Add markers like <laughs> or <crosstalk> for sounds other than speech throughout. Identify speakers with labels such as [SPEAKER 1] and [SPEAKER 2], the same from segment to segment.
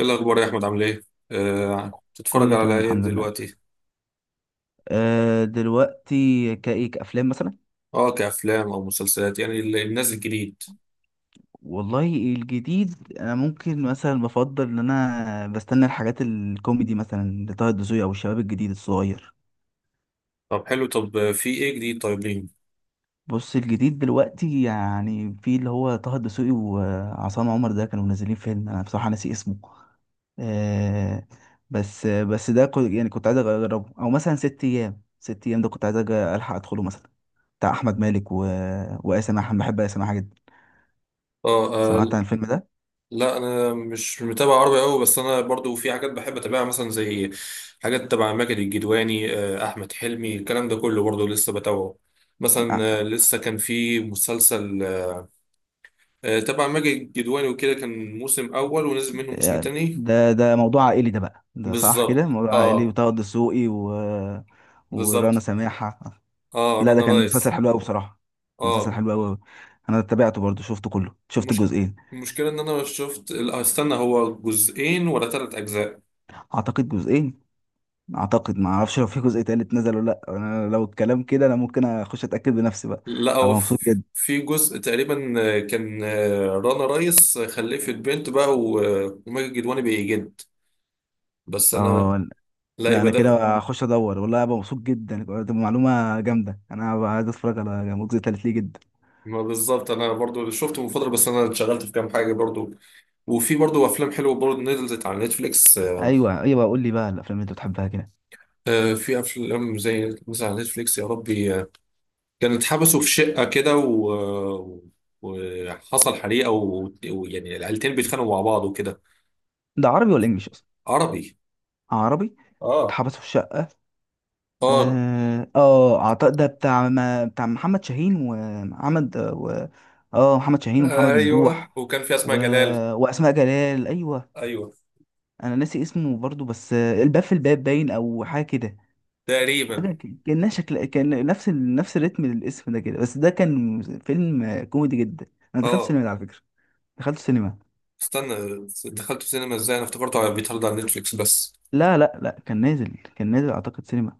[SPEAKER 1] ايه الاخبار يا احمد؟ عامل ايه؟ تتفرج
[SPEAKER 2] كله
[SPEAKER 1] على
[SPEAKER 2] تمام
[SPEAKER 1] ايه
[SPEAKER 2] الحمد لله.
[SPEAKER 1] دلوقتي؟
[SPEAKER 2] أه دلوقتي كايك افلام مثلا.
[SPEAKER 1] اه، كافلام او مسلسلات، يعني الناس الجديد.
[SPEAKER 2] والله الجديد انا ممكن مثلا بفضل ان انا بستنى الحاجات الكوميدي مثلا لطه الدسوقي او الشباب الجديد الصغير.
[SPEAKER 1] طب حلو. طب في ايه جديد؟ طيب ليه؟
[SPEAKER 2] بص الجديد دلوقتي يعني في اللي هو طه الدسوقي وعصام عمر، ده كانوا منزلين فيلم انا بصراحة ناسي اسمه. أه بس يعني كنت عايز اجربه او مثلا ست ايام. ست ايام ده كنت عايز الحق ادخله مثلا، بتاع احمد مالك وآسر محمد. بحب آسر محمد جدا.
[SPEAKER 1] اه.
[SPEAKER 2] سمعت عن الفيلم ده؟
[SPEAKER 1] لا انا مش متابع عربي قوي، بس انا برضو في حاجات بحب اتابعها، مثلا زي حاجات تبع ماجد الجدواني. احمد حلمي الكلام ده كله برضو لسه بتابعه. مثلا
[SPEAKER 2] ع-
[SPEAKER 1] لسه كان في مسلسل تبع ماجد الجدواني وكده، كان موسم اول ونزل منه موسم
[SPEAKER 2] يعني
[SPEAKER 1] تاني.
[SPEAKER 2] ده موضوع عائلي، ده بقى ده صح
[SPEAKER 1] بالظبط
[SPEAKER 2] كده، موضوع عائلي
[SPEAKER 1] اه.
[SPEAKER 2] وطه الدسوقي. ورانا
[SPEAKER 1] بالظبط.
[SPEAKER 2] سماحة.
[SPEAKER 1] اه،
[SPEAKER 2] لا ده
[SPEAKER 1] رنا
[SPEAKER 2] كان مسلسل
[SPEAKER 1] رايس.
[SPEAKER 2] حلو قوي بصراحة. كان مسلسل
[SPEAKER 1] اه.
[SPEAKER 2] حلو قوي. انا تابعته برضو، شفته كله، شفت
[SPEAKER 1] المش...
[SPEAKER 2] الجزئين.
[SPEAKER 1] المشكلة ان انا شفت، لا، استنى، هو جزئين ولا ثلاث اجزاء؟
[SPEAKER 2] اعتقد جزئين. اعتقد ما اعرفش لو في جزء تالت نزل ولا لا. انا لو الكلام كده، انا ممكن اخش اتاكد بنفسي بقى.
[SPEAKER 1] لا هو
[SPEAKER 2] هبقى
[SPEAKER 1] في.
[SPEAKER 2] مبسوط جدا.
[SPEAKER 1] في جزء تقريبا. كان. رنا رايس خلفت بنت بقى، وماجد الكدواني بيجد. بس انا،
[SPEAKER 2] اه
[SPEAKER 1] لا
[SPEAKER 2] لا،
[SPEAKER 1] يبقى
[SPEAKER 2] انا
[SPEAKER 1] ده.
[SPEAKER 2] كده هخش ادور والله، هبقى مبسوط جدا. دي معلومة جامدة، انا هبقى عايز اتفرج على الجزء التالت ليه جدا.
[SPEAKER 1] ما بالظبط، انا برضو شفته من فترة، بس انا اتشغلت في كام حاجة برضو. وفي برضو افلام حلوة برضو نزلت على نتفليكس.
[SPEAKER 2] ايوه ايوه، قول لي بقى الافلام اللي انت بتحبها كده.
[SPEAKER 1] في افلام زي مثلا على نتفليكس، يا ربي. كانوا اتحبسوا في شقة كده، و... وحصل حريقة، و... ويعني العيلتين بيتخانقوا مع بعض وكده.
[SPEAKER 2] ده عربي ولا انجليش اصلا؟
[SPEAKER 1] عربي.
[SPEAKER 2] عربي.
[SPEAKER 1] اه.
[SPEAKER 2] اتحبس في الشقه.
[SPEAKER 1] اه.
[SPEAKER 2] اه اعتقد ده بتاع ما بتاع محمد شاهين ومحمد. اه محمد شاهين ومحمد
[SPEAKER 1] ايوه،
[SPEAKER 2] ممدوح
[SPEAKER 1] وكان في
[SPEAKER 2] و...
[SPEAKER 1] اسماء جلال.
[SPEAKER 2] واسماء جلال ايوه.
[SPEAKER 1] ايوه.
[SPEAKER 2] انا ناسي اسمه برضو بس، الباب في الباب باين او حاجه كده.
[SPEAKER 1] تقريبا.
[SPEAKER 2] حاجه كانها شكل كان نفس نفس الريتم للاسم ده كده، بس ده كان فيلم كوميدي جدا. انا دخلت
[SPEAKER 1] اه.
[SPEAKER 2] سينما ده على فكره. دخلت سينما.
[SPEAKER 1] استنى، دخلت سينما ازاي؟ انا افتكرته بيتعرض على نتفليكس بس.
[SPEAKER 2] لا لا لا كان نازل. كان نازل اعتقد سينما.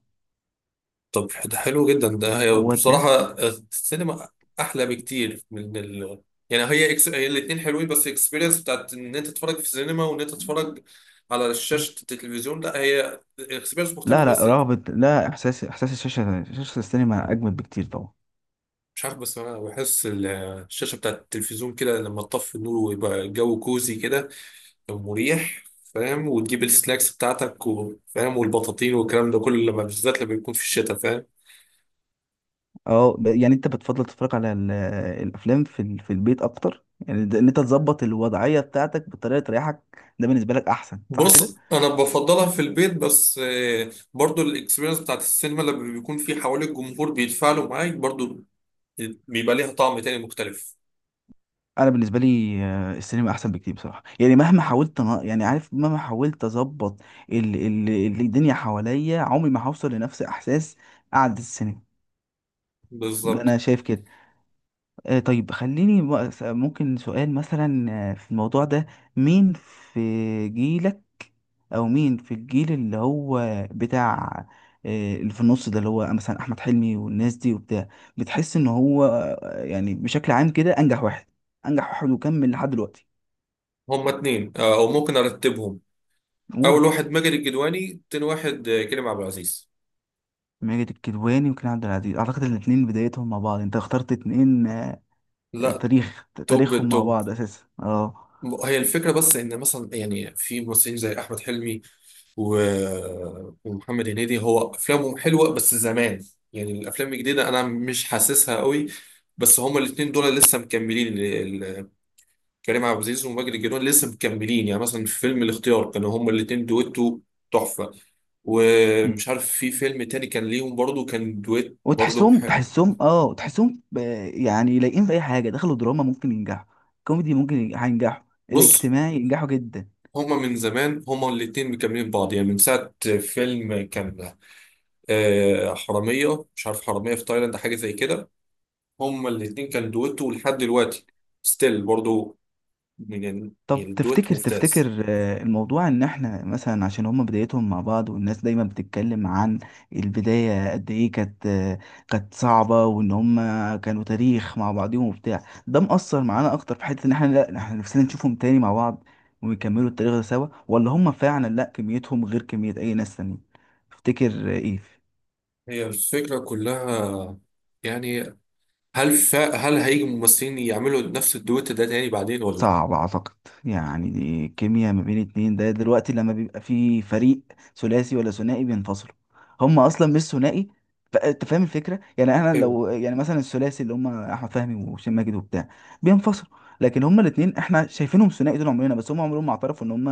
[SPEAKER 1] طب ده حلو جدا. ده هي
[SPEAKER 2] هو ده.
[SPEAKER 1] بصراحة السينما أحلى بكتير من يعني هي هي الاتنين حلوين، بس الاكسبيرينس بتاعت إن أنت تتفرج في السينما، وإن أنت تتفرج على شاشة التلفزيون، لا هي اكسبيرينس مختلفة،
[SPEAKER 2] لا لا
[SPEAKER 1] بس
[SPEAKER 2] رغبة لا إحساس إحساس الشاشة شاشة السينما أجمل بكتير طبعا.
[SPEAKER 1] مش عارف. بس أنا بحس الشاشة بتاعت التلفزيون كده لما تطفي النور ويبقى الجو كوزي كده، مريح. فاهم؟ وتجيب السناكس بتاعتك، وفاهم، والبطاطين والكلام ده كله، لما بالذات لما يكون في الشتاء، فاهم.
[SPEAKER 2] يعني أنت بتفضل تتفرج على الأفلام في في البيت أكتر يعني إن أنت تظبط الوضعية بتاعتك بطريقة تريحك. ده بالنسبة لك أحسن صح كده؟
[SPEAKER 1] بص انا بفضلها في البيت، بس برضو الاكسبيرينس بتاعت السينما لما بيكون في حوالي الجمهور بيتفاعلوا معاك برضو، بيبقى ليها طعم تاني مختلف.
[SPEAKER 2] أنا بالنسبة لي السينما أحسن بكتير بصراحة. يعني مهما حاولت يعني عارف مهما حاولت أظبط ال ال الدنيا حواليا، عمري ما هوصل لنفس إحساس قعدة السينما. ده
[SPEAKER 1] بالظبط.
[SPEAKER 2] أنا شايف كده. طيب خليني بقى ممكن سؤال مثلا، في الموضوع ده. مين في جيلك، او مين في الجيل اللي هو بتاع، اللي في النص ده، اللي هو مثلا احمد حلمي والناس دي وبتاع، بتحس ان هو يعني بشكل عام كده انجح واحد؟ انجح واحد وكمل لحد دلوقتي.
[SPEAKER 1] هما اتنين، او ممكن ارتبهم.
[SPEAKER 2] قول.
[SPEAKER 1] اول واحد ماجد الجدواني، تاني واحد كريم عبد العزيز.
[SPEAKER 2] ماجد الكدواني وكريم عبد العزيز. اعتقد الاثنين بدايتهم مع بعض. انت اخترت اتنين،
[SPEAKER 1] لا.
[SPEAKER 2] تاريخ
[SPEAKER 1] توب
[SPEAKER 2] تاريخهم مع
[SPEAKER 1] توب.
[SPEAKER 2] بعض اساسا، اه.
[SPEAKER 1] هي الفكرة بس ان مثلا يعني في ممثلين زي احمد حلمي ومحمد هنيدي، هو افلامهم حلوه بس زمان. يعني الافلام الجديده انا مش حاسسها قوي. بس هما الاثنين دول لسه مكملين ال- كريم عبد العزيز وماجد الجنون لسه مكملين. يعني مثلا في فيلم الاختيار كانوا هما الاثنين دويتو، تحفه. ومش عارف في فيلم تاني كان ليهم برضو، كان دويت برضو
[SPEAKER 2] وتحسهم تحسهم اه تحسهم ب- يعني لايقين في اي حاجه. دخلوا دراما ممكن ينجحوا. كوميدي ممكن هينجحوا.
[SPEAKER 1] بص
[SPEAKER 2] الاجتماعي ينجحوا جدا.
[SPEAKER 1] هما من زمان، هما الاتنين مكملين بعض. يعني من ساعة فيلم كان حرامية، مش عارف، حرامية في تايلاند، حاجة زي كده. هما الاتنين كان دويتو لحد دلوقتي ستيل برضو. يعني يعني
[SPEAKER 2] طب
[SPEAKER 1] الدويت
[SPEAKER 2] تفتكر
[SPEAKER 1] ممتاز.
[SPEAKER 2] تفتكر الموضوع ان احنا مثلا عشان هما بدايتهم مع بعض، والناس دايما بتتكلم عن البدايه قد ايه كانت، كانت صعبه وان هما كانوا تاريخ مع بعضهم وبتاع. ده مأثر معانا اكتر في حته ان احنا، لا، احنا نفسنا نشوفهم تاني مع بعض ويكملوا التاريخ ده سوا، ولا هما فعلا لا كميتهم غير كميه اي ناس تانية؟ تفتكر؟ ايه.
[SPEAKER 1] هي الفكرة كلها. يعني هل هيجي ممثلين يعملوا نفس الدويت ده تاني بعدين ولا لا؟
[SPEAKER 2] صعب اعتقد. يعني دي كيمياء ما بين اتنين. ده دلوقتي لما بيبقى في فريق ثلاثي ولا ثنائي بينفصلوا. هم اصلا مش ثنائي. انت فاهم الفكره. يعني انا
[SPEAKER 1] ايوه.
[SPEAKER 2] لو يعني مثلا الثلاثي اللي هم احمد فهمي وهشام ماجد وبتاع، بينفصلوا. لكن هم الاتنين احنا شايفينهم ثنائي طول عمرنا، بس هم عمرهم ما اعترفوا ان هم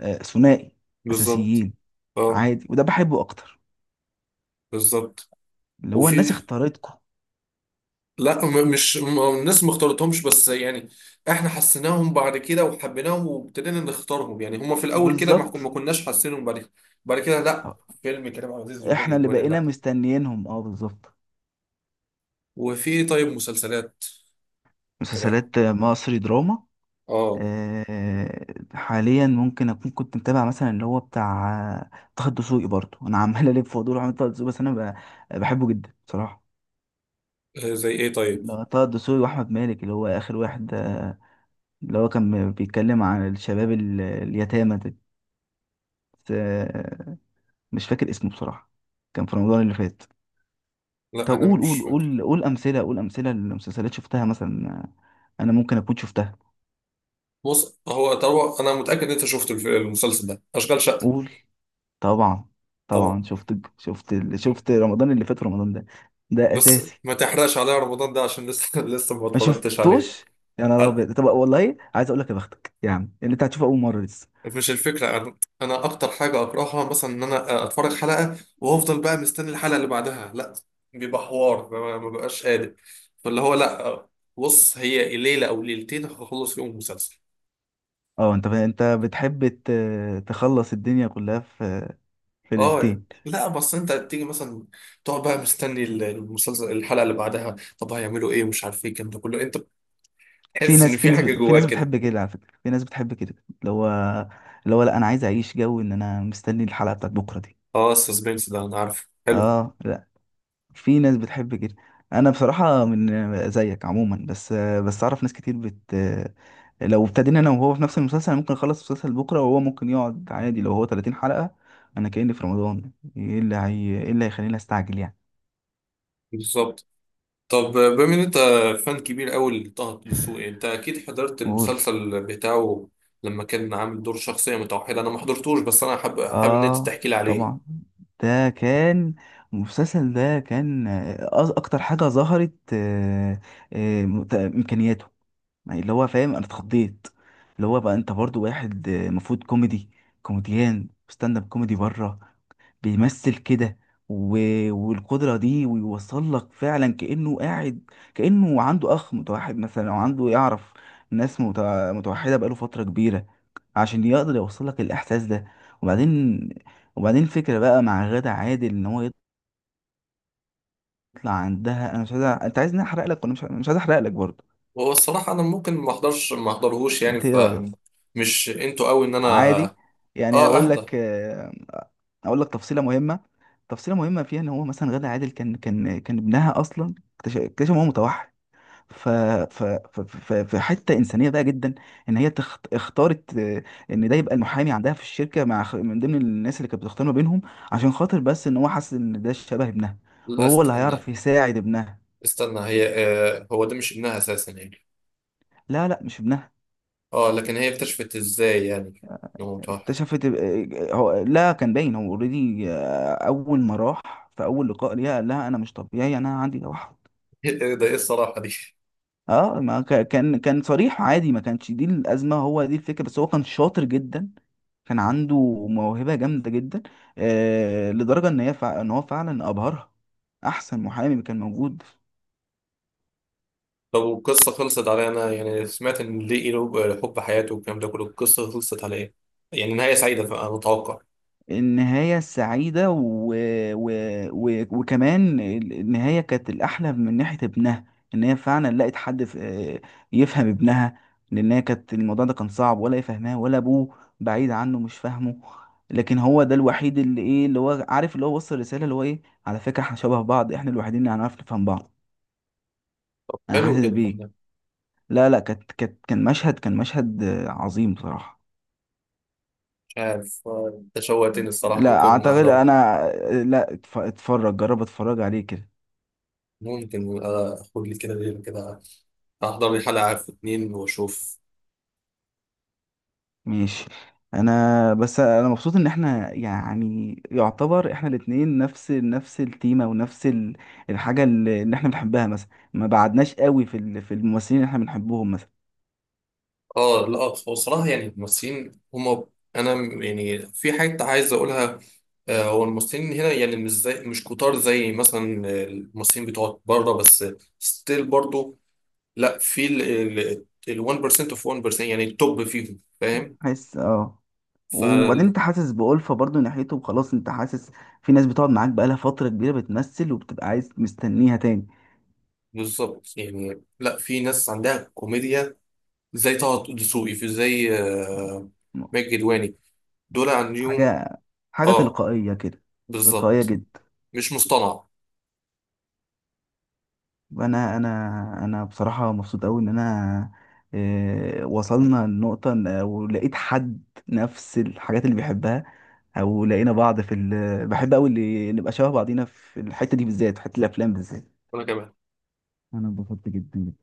[SPEAKER 2] ثنائي
[SPEAKER 1] بالظبط
[SPEAKER 2] اساسيين.
[SPEAKER 1] اه.
[SPEAKER 2] عادي، وده بحبه اكتر،
[SPEAKER 1] بالظبط.
[SPEAKER 2] اللي هو الناس
[SPEAKER 1] وفي.
[SPEAKER 2] اختارتكم.
[SPEAKER 1] لا مش الناس ما اختارتهمش، بس يعني احنا حسيناهم بعد كده وحبيناهم وابتدينا نختارهم. يعني هما في الاول كده
[SPEAKER 2] بالظبط.
[SPEAKER 1] ما كناش حاسينهم. بعد كده. بعد كده لا، فيلم كريم عبد العزيز وماجد
[SPEAKER 2] احنا اللي
[SPEAKER 1] الكدواني
[SPEAKER 2] بقينا
[SPEAKER 1] لا.
[SPEAKER 2] مستنيينهم اه بالظبط.
[SPEAKER 1] وفي طيب مسلسلات.
[SPEAKER 2] مسلسلات مصري دراما.
[SPEAKER 1] اه.
[SPEAKER 2] آه، حاليا ممكن اكون كنت متابع مثلا، اللي هو بتاع، آه، طه الدسوقي برضه. انا عمال <laughs> الف في ودور احمد طه الدسوقي، بس انا بحبه جدا بصراحه.
[SPEAKER 1] زي ايه طيب؟
[SPEAKER 2] اللي هو طه الدسوقي واحمد مالك، اللي هو اخر واحد، اللي هو كان بيتكلم عن الشباب اليتامى ده. بس، مش فاكر اسمه بصراحه. كان في رمضان اللي فات.
[SPEAKER 1] لا
[SPEAKER 2] طب،
[SPEAKER 1] انا
[SPEAKER 2] قول
[SPEAKER 1] مش
[SPEAKER 2] قول
[SPEAKER 1] فاكر.
[SPEAKER 2] قول قول امثله. قول امثله لمسلسلات شفتها مثلا، انا ممكن اكون شفتها.
[SPEAKER 1] بص هو طبعا انا متاكد ان انت شفت المسلسل ده اشغال شقه
[SPEAKER 2] قول. طبعا.
[SPEAKER 1] طبعا.
[SPEAKER 2] طبعا شفت شفت شفت رمضان اللي فات، رمضان ده، ده
[SPEAKER 1] بس
[SPEAKER 2] اساسي.
[SPEAKER 1] ما تحرقش عليا رمضان ده عشان لسه <laughs> لسه ما
[SPEAKER 2] ما
[SPEAKER 1] اتفرجتش عليه.
[SPEAKER 2] شفتوش؟ يا نهار
[SPEAKER 1] أ-
[SPEAKER 2] ابيض. طب والله عايز اقول لك، يا بختك يعني، اللي انت هتشوفه اول مره لسه.
[SPEAKER 1] مش الفكره. انا، أنا اكتر حاجه اكرهها مثلا ان انا اتفرج حلقه وافضل بقى مستني الحلقه اللي بعدها، لا بيبقى حوار ما بقاش قادر. فاللي هو لا، بص هي ليله او ليلتين هخلص فيهم المسلسل.
[SPEAKER 2] اه، انت بتحب تخلص الدنيا كلها في في
[SPEAKER 1] اه
[SPEAKER 2] ليلتين.
[SPEAKER 1] لا، بس انت بتيجي مثلا تقعد بقى مستني المسلسل الحلقه اللي بعدها، طب هيعملوا ايه، مش عارف ايه، الكلام ده كله، انت
[SPEAKER 2] في
[SPEAKER 1] بتحس ان
[SPEAKER 2] ناس في
[SPEAKER 1] في
[SPEAKER 2] ناس
[SPEAKER 1] حاجه
[SPEAKER 2] في ناس
[SPEAKER 1] جواك كده.
[SPEAKER 2] بتحب كده على فكره. في ناس بتحب كده، اللي هو اللي هو لا، انا عايز اعيش جو ان انا مستني الحلقه بتاعت بكره دي.
[SPEAKER 1] اه السسبنس ده انا عارفه، حلو.
[SPEAKER 2] اه لا، في ناس بتحب كده. انا بصراحه من زيك عموما بس، بس اعرف ناس كتير لو ابتدينا انا وهو في نفس المسلسل، أنا ممكن اخلص المسلسل بكره، وهو ممكن يقعد عادي. لو هو 30 حلقه، انا كأني في رمضان. ايه اللي هيخليني استعجل يعني؟
[SPEAKER 1] بالظبط. طب بما ان انت فان كبير قوي لطه دسوقي، انت اكيد حضرت
[SPEAKER 2] قول.
[SPEAKER 1] المسلسل بتاعه لما كان عامل دور شخصيه متوحده. انا ما حضرتوش، بس انا حابب حابب ان انت
[SPEAKER 2] اه
[SPEAKER 1] تحكي لي
[SPEAKER 2] طبعا.
[SPEAKER 1] عليه.
[SPEAKER 2] ده كان المسلسل ده كان، اكتر حاجه ظهرت امكانياته. يعني اللي هو فاهم، انا اتخضيت. اللي هو بقى، انت برضو واحد المفروض كوميدي، كوميديان ستاند اب كوميدي بره، بيمثل كده و... والقدرة دي ويوصل لك فعلا. كأنه قاعد كأنه عنده أخ متوحد مثلا، أو عنده يعرف ناس متوحدة بقاله فترة كبيرة، عشان يقدر يوصل لك الإحساس ده. وبعدين، وبعدين فكرة بقى مع غادة عادل إن هو يطلع عندها. أنا مش عايز أنت عايزني أحرق لك، وأنا مش عايز أحرق لك برضه.
[SPEAKER 1] هو الصراحه انا ممكن ما احضرش، ما احضرهوش يعني،
[SPEAKER 2] أنت إيه رأيك؟
[SPEAKER 1] فمش انتوا قوي ان
[SPEAKER 2] عادي.
[SPEAKER 1] انا
[SPEAKER 2] يعني
[SPEAKER 1] اه
[SPEAKER 2] أقول
[SPEAKER 1] اهدى.
[SPEAKER 2] لك، أقول لك تفصيلة مهمة. تفصيلة مهمة فيها إن هو مثلا غادة عادل كان ابنها أصلا اكتشف إن هو متوحد. ف... في حته انسانيه بقى جدا، ان هي اختارت ان ده يبقى المحامي عندها في الشركه، مع من ضمن الناس اللي كانت بتختار ما بينهم، عشان خاطر بس ان هو حاسس ان ده شبه ابنها،
[SPEAKER 1] لا
[SPEAKER 2] وهو اللي
[SPEAKER 1] استنى
[SPEAKER 2] هيعرف يساعد ابنها.
[SPEAKER 1] استنى، هي هو ده مش ابنها اساسا يعني.
[SPEAKER 2] لا لا مش ابنها.
[SPEAKER 1] اه لكن هي اكتشفت ازاي يعني انه متوحد؟ <laughs>
[SPEAKER 2] اكتشفت هو لا، كان باين، هو اوريدي اول ما راح في اول لقاء ليها قال لها انا مش طبيعي، انا عندي توحد.
[SPEAKER 1] إيه ده، ايه الصراحه دي؟
[SPEAKER 2] اه، ما كان صريح عادي، ما كانش دي الازمه. هو دي الفكره، بس هو كان شاطر جدا. كان عنده موهبه جامده جدا، لدرجه ان هي ان هو فعلا ابهرها. احسن محامي كان موجود.
[SPEAKER 1] لو القصه خلصت على إيه؟ انا يعني سمعت ان ليه له حب حياته والكلام ده كله، القصه خلصت على ايه؟ يعني نهايه سعيده، فأنا متوقع.
[SPEAKER 2] النهاية السعيدة و... وكمان النهاية كانت الأحلى من ناحية ابنها. إن هي فعلا لقت حد يفهم ابنها. لأن هي كانت الموضوع ده كان صعب، ولا يفهمها، ولا أبوه بعيد عنه مش فاهمه. لكن هو ده الوحيد اللي إيه، اللي هو عارف، اللي هو وصل رسالة اللي هو إيه، على فكرة إحنا شبه بعض، إحنا الوحيدين اللي هنعرف نفهم بعض. أنا
[SPEAKER 1] حلو
[SPEAKER 2] حاسس
[SPEAKER 1] جدا
[SPEAKER 2] بيك.
[SPEAKER 1] ده.
[SPEAKER 2] لا لا، كان مشهد عظيم بصراحة.
[SPEAKER 1] مش عارف، انت شوقتني الصراحه،
[SPEAKER 2] لا
[SPEAKER 1] ممكن
[SPEAKER 2] أعتقد
[SPEAKER 1] احضره.
[SPEAKER 2] أنا. لا اتفرج، جرب اتفرج عليه كده.
[SPEAKER 1] ممكن اخد لي كده ليله كده، احضر لي حلقه في اتنين واشوف.
[SPEAKER 2] ماشي. انا بس انا مبسوط ان احنا، يعني يعتبر احنا الاتنين نفس التيمة، ونفس الحاجة اللي احنا بنحبها مثلا. ما بعدناش قوي في في الممثلين اللي احنا بنحبهم مثلا.
[SPEAKER 1] اه لا، هو صراحة يعني الممثلين هما، انا يعني في حاجة عايز اقولها. هو الممثلين هنا يعني مش زي، مش كتار زي مثلا الممثلين بتوع بره، بس ستيل برضو. لا في ال 1% اوف 1% يعني التوب فيهم، فاهم.
[SPEAKER 2] حاسس اه.
[SPEAKER 1] ف
[SPEAKER 2] وبعدين انت حاسس بألفة برضو ناحيته، وخلاص انت حاسس في ناس بتقعد معاك بقالها فترة كبيرة بتمثل، وبتبقى عايز مستنيها تاني.
[SPEAKER 1] بالظبط. يعني لا، في ناس عندها كوميديا زي طه دسوقي، في زي
[SPEAKER 2] م-
[SPEAKER 1] ماجد الكدواني. دول عندهم
[SPEAKER 2] حاجة حاجة
[SPEAKER 1] اه
[SPEAKER 2] تلقائية كده. تلقائية
[SPEAKER 1] بالظبط.
[SPEAKER 2] جدا.
[SPEAKER 1] مش مصطنع.
[SPEAKER 2] انا انا انا بصراحه مبسوط قوي ان انا، وصلنا لنقطه ولقيت حد نفس الحاجات اللي بيحبها. او لقينا بعض في بحب قوي اللي نبقى شبه بعضينا في الحته دي بالذات، في حته الافلام بالذات.
[SPEAKER 1] ولا كمان
[SPEAKER 2] انا اتبسطت جدا.